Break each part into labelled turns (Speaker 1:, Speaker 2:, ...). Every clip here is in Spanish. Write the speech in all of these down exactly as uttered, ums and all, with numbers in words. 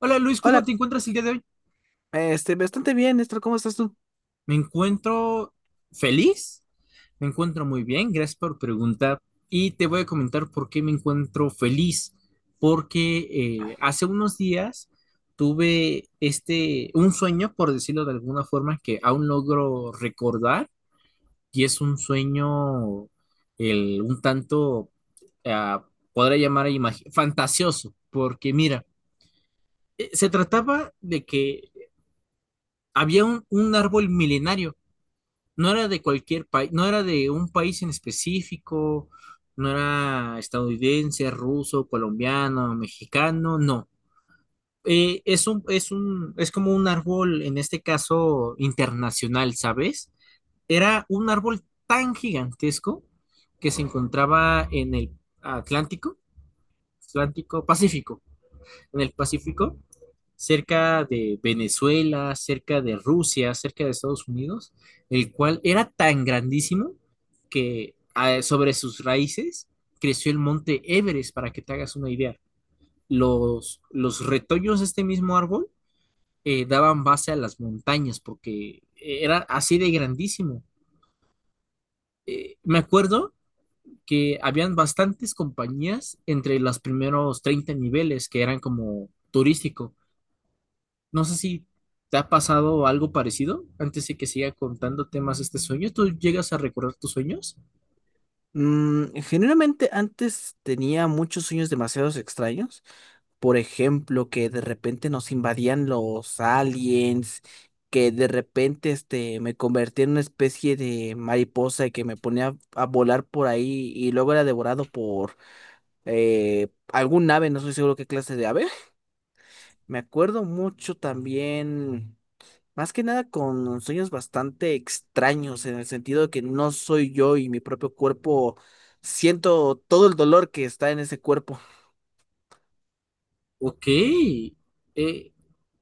Speaker 1: Hola Luis, ¿cómo
Speaker 2: Hola,
Speaker 1: te encuentras el día de hoy?
Speaker 2: este, bastante bien, Néstor, ¿cómo estás tú?
Speaker 1: Me encuentro feliz, me encuentro muy bien, gracias por preguntar y te voy a comentar por qué me encuentro feliz, porque eh, hace unos días tuve este, un sueño, por decirlo de alguna forma, que aún logro recordar y es un sueño el, un tanto, ah, podría llamar imagi- fantasioso. Porque mira, eh, se trataba de que había un un árbol milenario. No era de cualquier país, no era de un país en específico, no era estadounidense, ruso, colombiano, mexicano, no. Eh, es un, es un, es como un árbol, en este caso, internacional, ¿sabes? Era un árbol tan gigantesco que se encontraba en el Atlántico, Atlántico, Pacífico, en el Pacífico, cerca de Venezuela, cerca de Rusia, cerca de Estados Unidos, el cual era tan grandísimo que ah, sobre sus raíces creció el monte Everest, para que te hagas una idea. Los, los retoños de este mismo árbol eh, daban base a las montañas porque eh, era así de grandísimo. Eh, me acuerdo que habían bastantes compañías entre los primeros treinta niveles, que eran como turístico. No sé si te ha pasado algo parecido antes de que siga contándote más este sueño. ¿Tú llegas a recordar tus sueños?
Speaker 2: Mm, generalmente antes tenía muchos sueños demasiados extraños. Por ejemplo, que de repente nos invadían los aliens, que de repente este, me convertía en una especie de mariposa y que me ponía a volar por ahí y luego era devorado por eh, algún ave, no estoy seguro qué clase de ave. Me acuerdo mucho también. Más que nada con sueños bastante extraños, en el sentido de que no soy yo y mi propio cuerpo siento todo el dolor que está en ese cuerpo.
Speaker 1: Ok. Eh,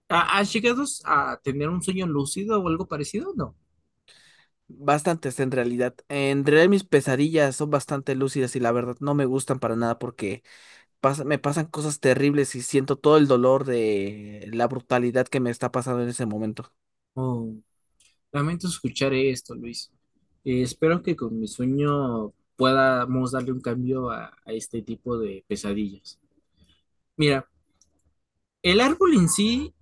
Speaker 1: ¿ha- ¿has llegado a tener un sueño lúcido o algo parecido? No.
Speaker 2: Bastantes en realidad. En realidad mis pesadillas son bastante lúcidas y la verdad no me gustan para nada porque pas- me pasan cosas terribles y siento todo el dolor de la brutalidad que me está pasando en ese momento.
Speaker 1: Oh, lamento escuchar esto, Luis. Eh, espero que con mi sueño podamos darle un cambio a, a este tipo de pesadillas. Mira, el árbol en sí,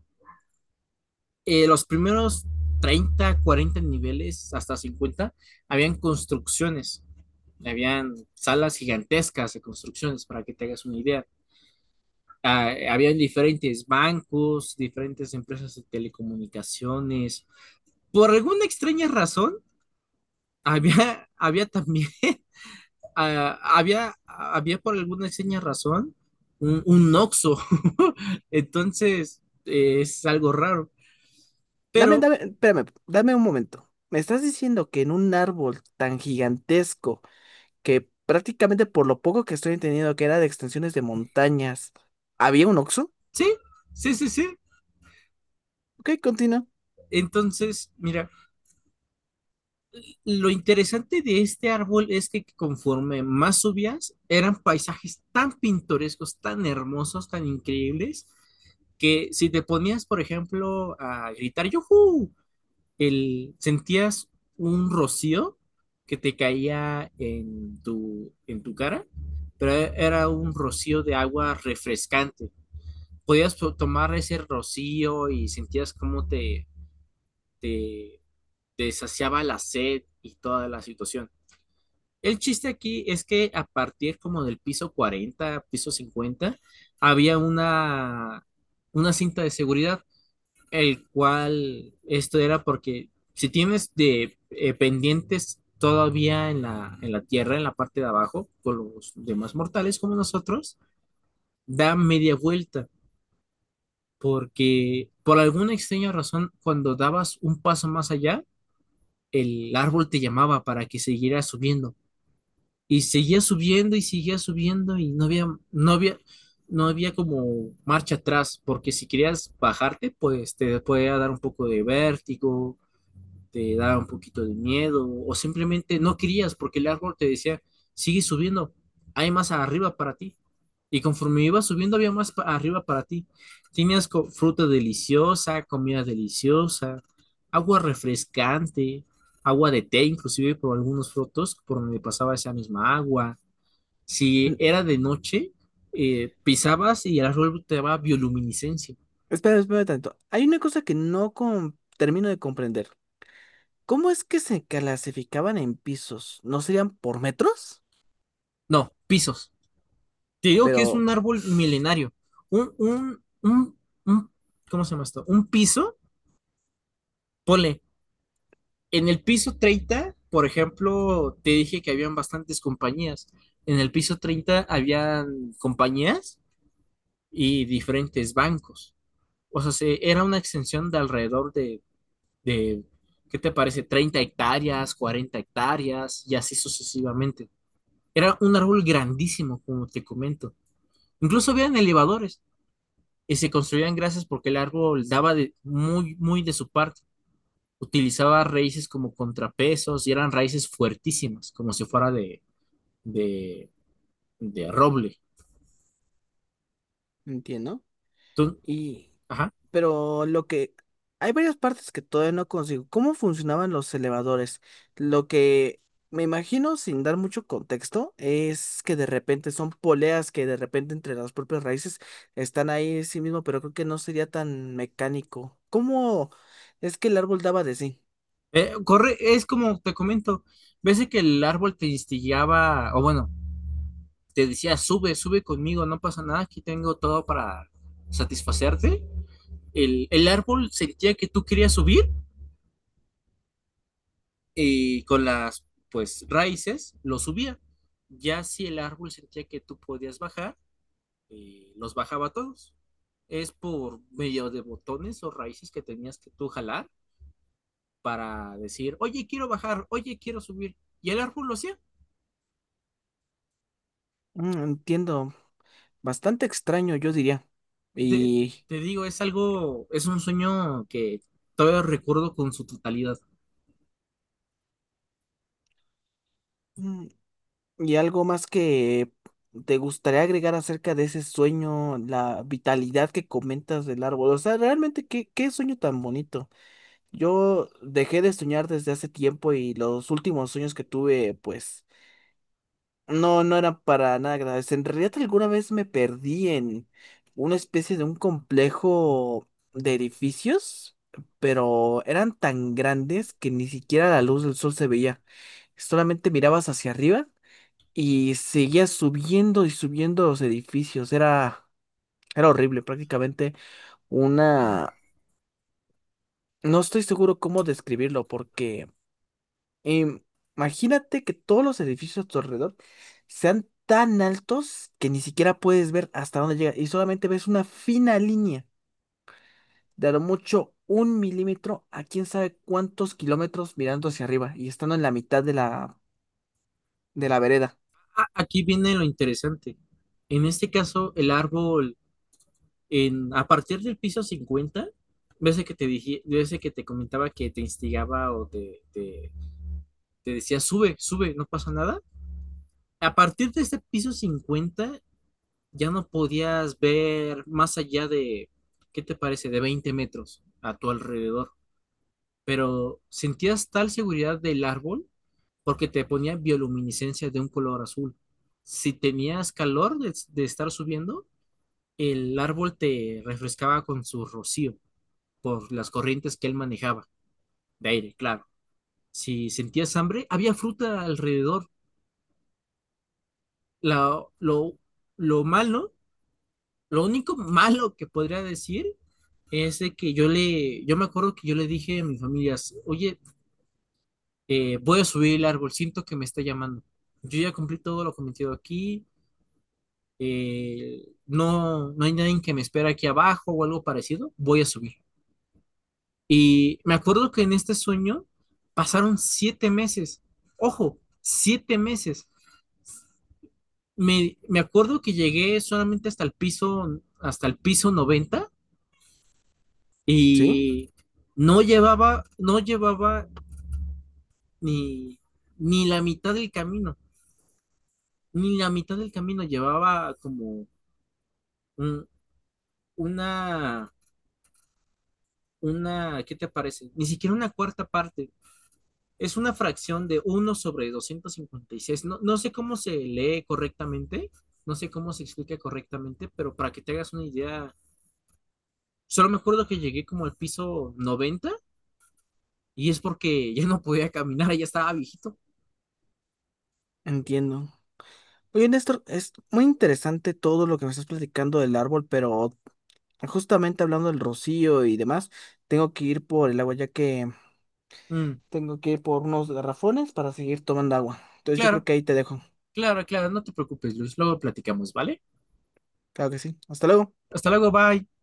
Speaker 1: eh, los primeros treinta cuarenta niveles, hasta cincuenta, habían construcciones, habían salas gigantescas de construcciones, para que te hagas una idea. Ah, habían diferentes bancos, diferentes empresas de telecomunicaciones. Por alguna extraña razón, había, había también, ah, había, había por alguna extraña razón un, un Oxxo. Entonces, eh, es algo raro. Pero
Speaker 2: Dame, dame, espérame, dame un momento. ¿Me estás diciendo que en un árbol tan gigantesco, que prácticamente por lo poco que estoy entendiendo que era de extensiones de montañas, había un Oxxo?
Speaker 1: sí, sí, sí, sí.
Speaker 2: Ok, continúa.
Speaker 1: Entonces mira, lo interesante de este árbol es que conforme más subías, eran paisajes tan pintorescos, tan hermosos, tan increíbles, que si te ponías, por ejemplo, a gritar ¡Yujú!, El, sentías un rocío que te caía en tu, en tu cara, pero e, era un rocío de agua refrescante. Podías to- tomar ese rocío y sentías cómo te, te te saciaba la sed y toda la situación. El chiste aquí es que a partir como del piso cuarenta, piso cincuenta, había una, una cinta de seguridad, el cual esto era porque si tienes de eh, pendientes todavía en la, en la tierra, en la parte de abajo, con los demás mortales como nosotros, da media vuelta, porque por alguna extraña razón, cuando dabas un paso más allá, el árbol te llamaba para que siguieras subiendo. Y seguía subiendo y seguía subiendo y no había, no había, no había como marcha atrás, porque si querías bajarte, pues te podía dar un poco de vértigo, te da un poquito de miedo, o simplemente no querías porque el árbol te decía, sigue subiendo, hay más arriba para ti. Y conforme ibas subiendo había más pa- arriba para ti. Tenías co- fruta deliciosa, comida deliciosa, agua refrescante, agua de té inclusive por algunos frutos por donde pasaba esa misma agua. Si
Speaker 2: Mm,
Speaker 1: era de noche, eh, pisabas y el árbol te daba bioluminiscencia.
Speaker 2: Espera, espera tanto. Hay una cosa que no com- termino de comprender. ¿Cómo es que se clasificaban en pisos? ¿No serían por metros?
Speaker 1: No, pisos. Te digo que es
Speaker 2: Pero,
Speaker 1: un árbol milenario. Un, un, un, un- ¿cómo se llama esto? Un piso, ponle, en el piso treinta, por ejemplo, te dije que habían bastantes compañías. En el piso treinta habían compañías y diferentes bancos. O sea, se- era una extensión de alrededor de, de, ¿qué te parece?, treinta hectáreas, cuarenta hectáreas y así sucesivamente. Era un árbol grandísimo, como te comento. Incluso habían elevadores, y se construían gracias porque el árbol daba de, muy, muy de su parte. Utilizaba raíces como contrapesos y eran raíces fuertísimas, como si fuera de, de, de roble.
Speaker 2: entiendo.
Speaker 1: Tú-
Speaker 2: Y,
Speaker 1: ajá.
Speaker 2: pero lo que, hay varias partes que todavía no consigo. ¿Cómo funcionaban los elevadores? Lo que me imagino, sin dar mucho contexto, es que de repente son poleas que de repente entre las propias raíces están ahí sí mismo, pero creo que no sería tan mecánico. ¿Cómo es que el árbol daba de sí?
Speaker 1: Eh, corre, es como te comento, ves de que el árbol te instigaba, o bueno, te decía, sube, sube conmigo, no pasa nada, aquí tengo todo para satisfacerte. El, el árbol sentía que tú querías subir y con las pues raíces los subía. Ya si el árbol sentía que tú podías bajar, eh, los bajaba todos. Es por medio de botones o raíces que tenías que tú jalar para decir, oye, quiero bajar, oye, quiero subir. Y el árbol lo hacía.
Speaker 2: Mm, entiendo, bastante extraño, yo diría.
Speaker 1: Te,
Speaker 2: Y...
Speaker 1: te digo, es algo, es un sueño que todavía recuerdo con su totalidad.
Speaker 2: ¿Y algo más que te gustaría agregar acerca de ese sueño, la vitalidad que comentas del árbol? O sea, realmente, ¿qué, qué sueño tan bonito? Yo dejé de soñar desde hace tiempo y los últimos sueños que tuve, pues, no, no eran para nada agradables. En realidad, alguna vez me perdí en una especie de un complejo de edificios, pero eran tan grandes que ni siquiera la luz del sol se veía. Solamente mirabas hacia arriba y seguía subiendo y subiendo los edificios. Era, era horrible, prácticamente una... No estoy seguro cómo describirlo porque im- imagínate que todos los edificios a tu alrededor sean tan altos que ni siquiera puedes ver hasta dónde llega y solamente ves una fina línea de a lo mucho un milímetro a quién sabe cuántos kilómetros mirando hacia arriba y estando en la mitad de la, de la vereda.
Speaker 1: Ah, aquí viene lo interesante. En este caso, el árbol en, a partir del piso cincuenta, ves que te dije, ves que te comentaba que te instigaba o te, te, te decía, sube, sube, no pasa nada. A partir de este piso cincuenta ya no podías ver más allá de, ¿qué te parece?, de veinte metros a tu alrededor. Pero sentías tal seguridad del árbol porque te ponía bioluminiscencia de un color azul. Si tenías calor de, de estar subiendo, el árbol te refrescaba con su rocío, por las corrientes que él manejaba, de aire, claro. Si sentías hambre, había fruta alrededor. La, lo, lo malo, lo único malo que podría decir es de que yo le, yo me acuerdo que yo le dije a mi familia: oye, eh, voy a subir el árbol, siento que me está llamando. Yo ya cumplí todo lo cometido aquí, eh, no, no hay nadie que me espera aquí abajo o algo parecido, voy a subir. Y me acuerdo que en este sueño pasaron siete meses. Ojo, siete meses. Me, me acuerdo que llegué solamente hasta el piso, hasta el piso noventa,
Speaker 2: ¿Sí?
Speaker 1: y no llevaba, no llevaba ni, ni la mitad del camino, ni la mitad del camino llevaba como un- una, una, ¿qué te parece? Ni siquiera una cuarta parte. Es una fracción de uno sobre doscientos cincuenta y seis. No, no sé cómo se lee correctamente, no sé cómo se explica correctamente, pero para que te hagas una idea, solo me acuerdo que llegué como al piso noventa, y es porque ya no podía caminar, ya estaba viejito.
Speaker 2: Entiendo. Oye, Néstor, es muy interesante todo lo que me estás platicando del árbol, pero justamente hablando del rocío y demás, tengo que ir por el agua ya que
Speaker 1: Mm,
Speaker 2: tengo que ir por unos garrafones para seguir tomando agua. Entonces yo creo
Speaker 1: claro,
Speaker 2: que ahí te dejo.
Speaker 1: claro, claro, no te preocupes, Luis, luego platicamos, ¿vale?
Speaker 2: Claro que sí. Hasta luego.
Speaker 1: Hasta luego, bye.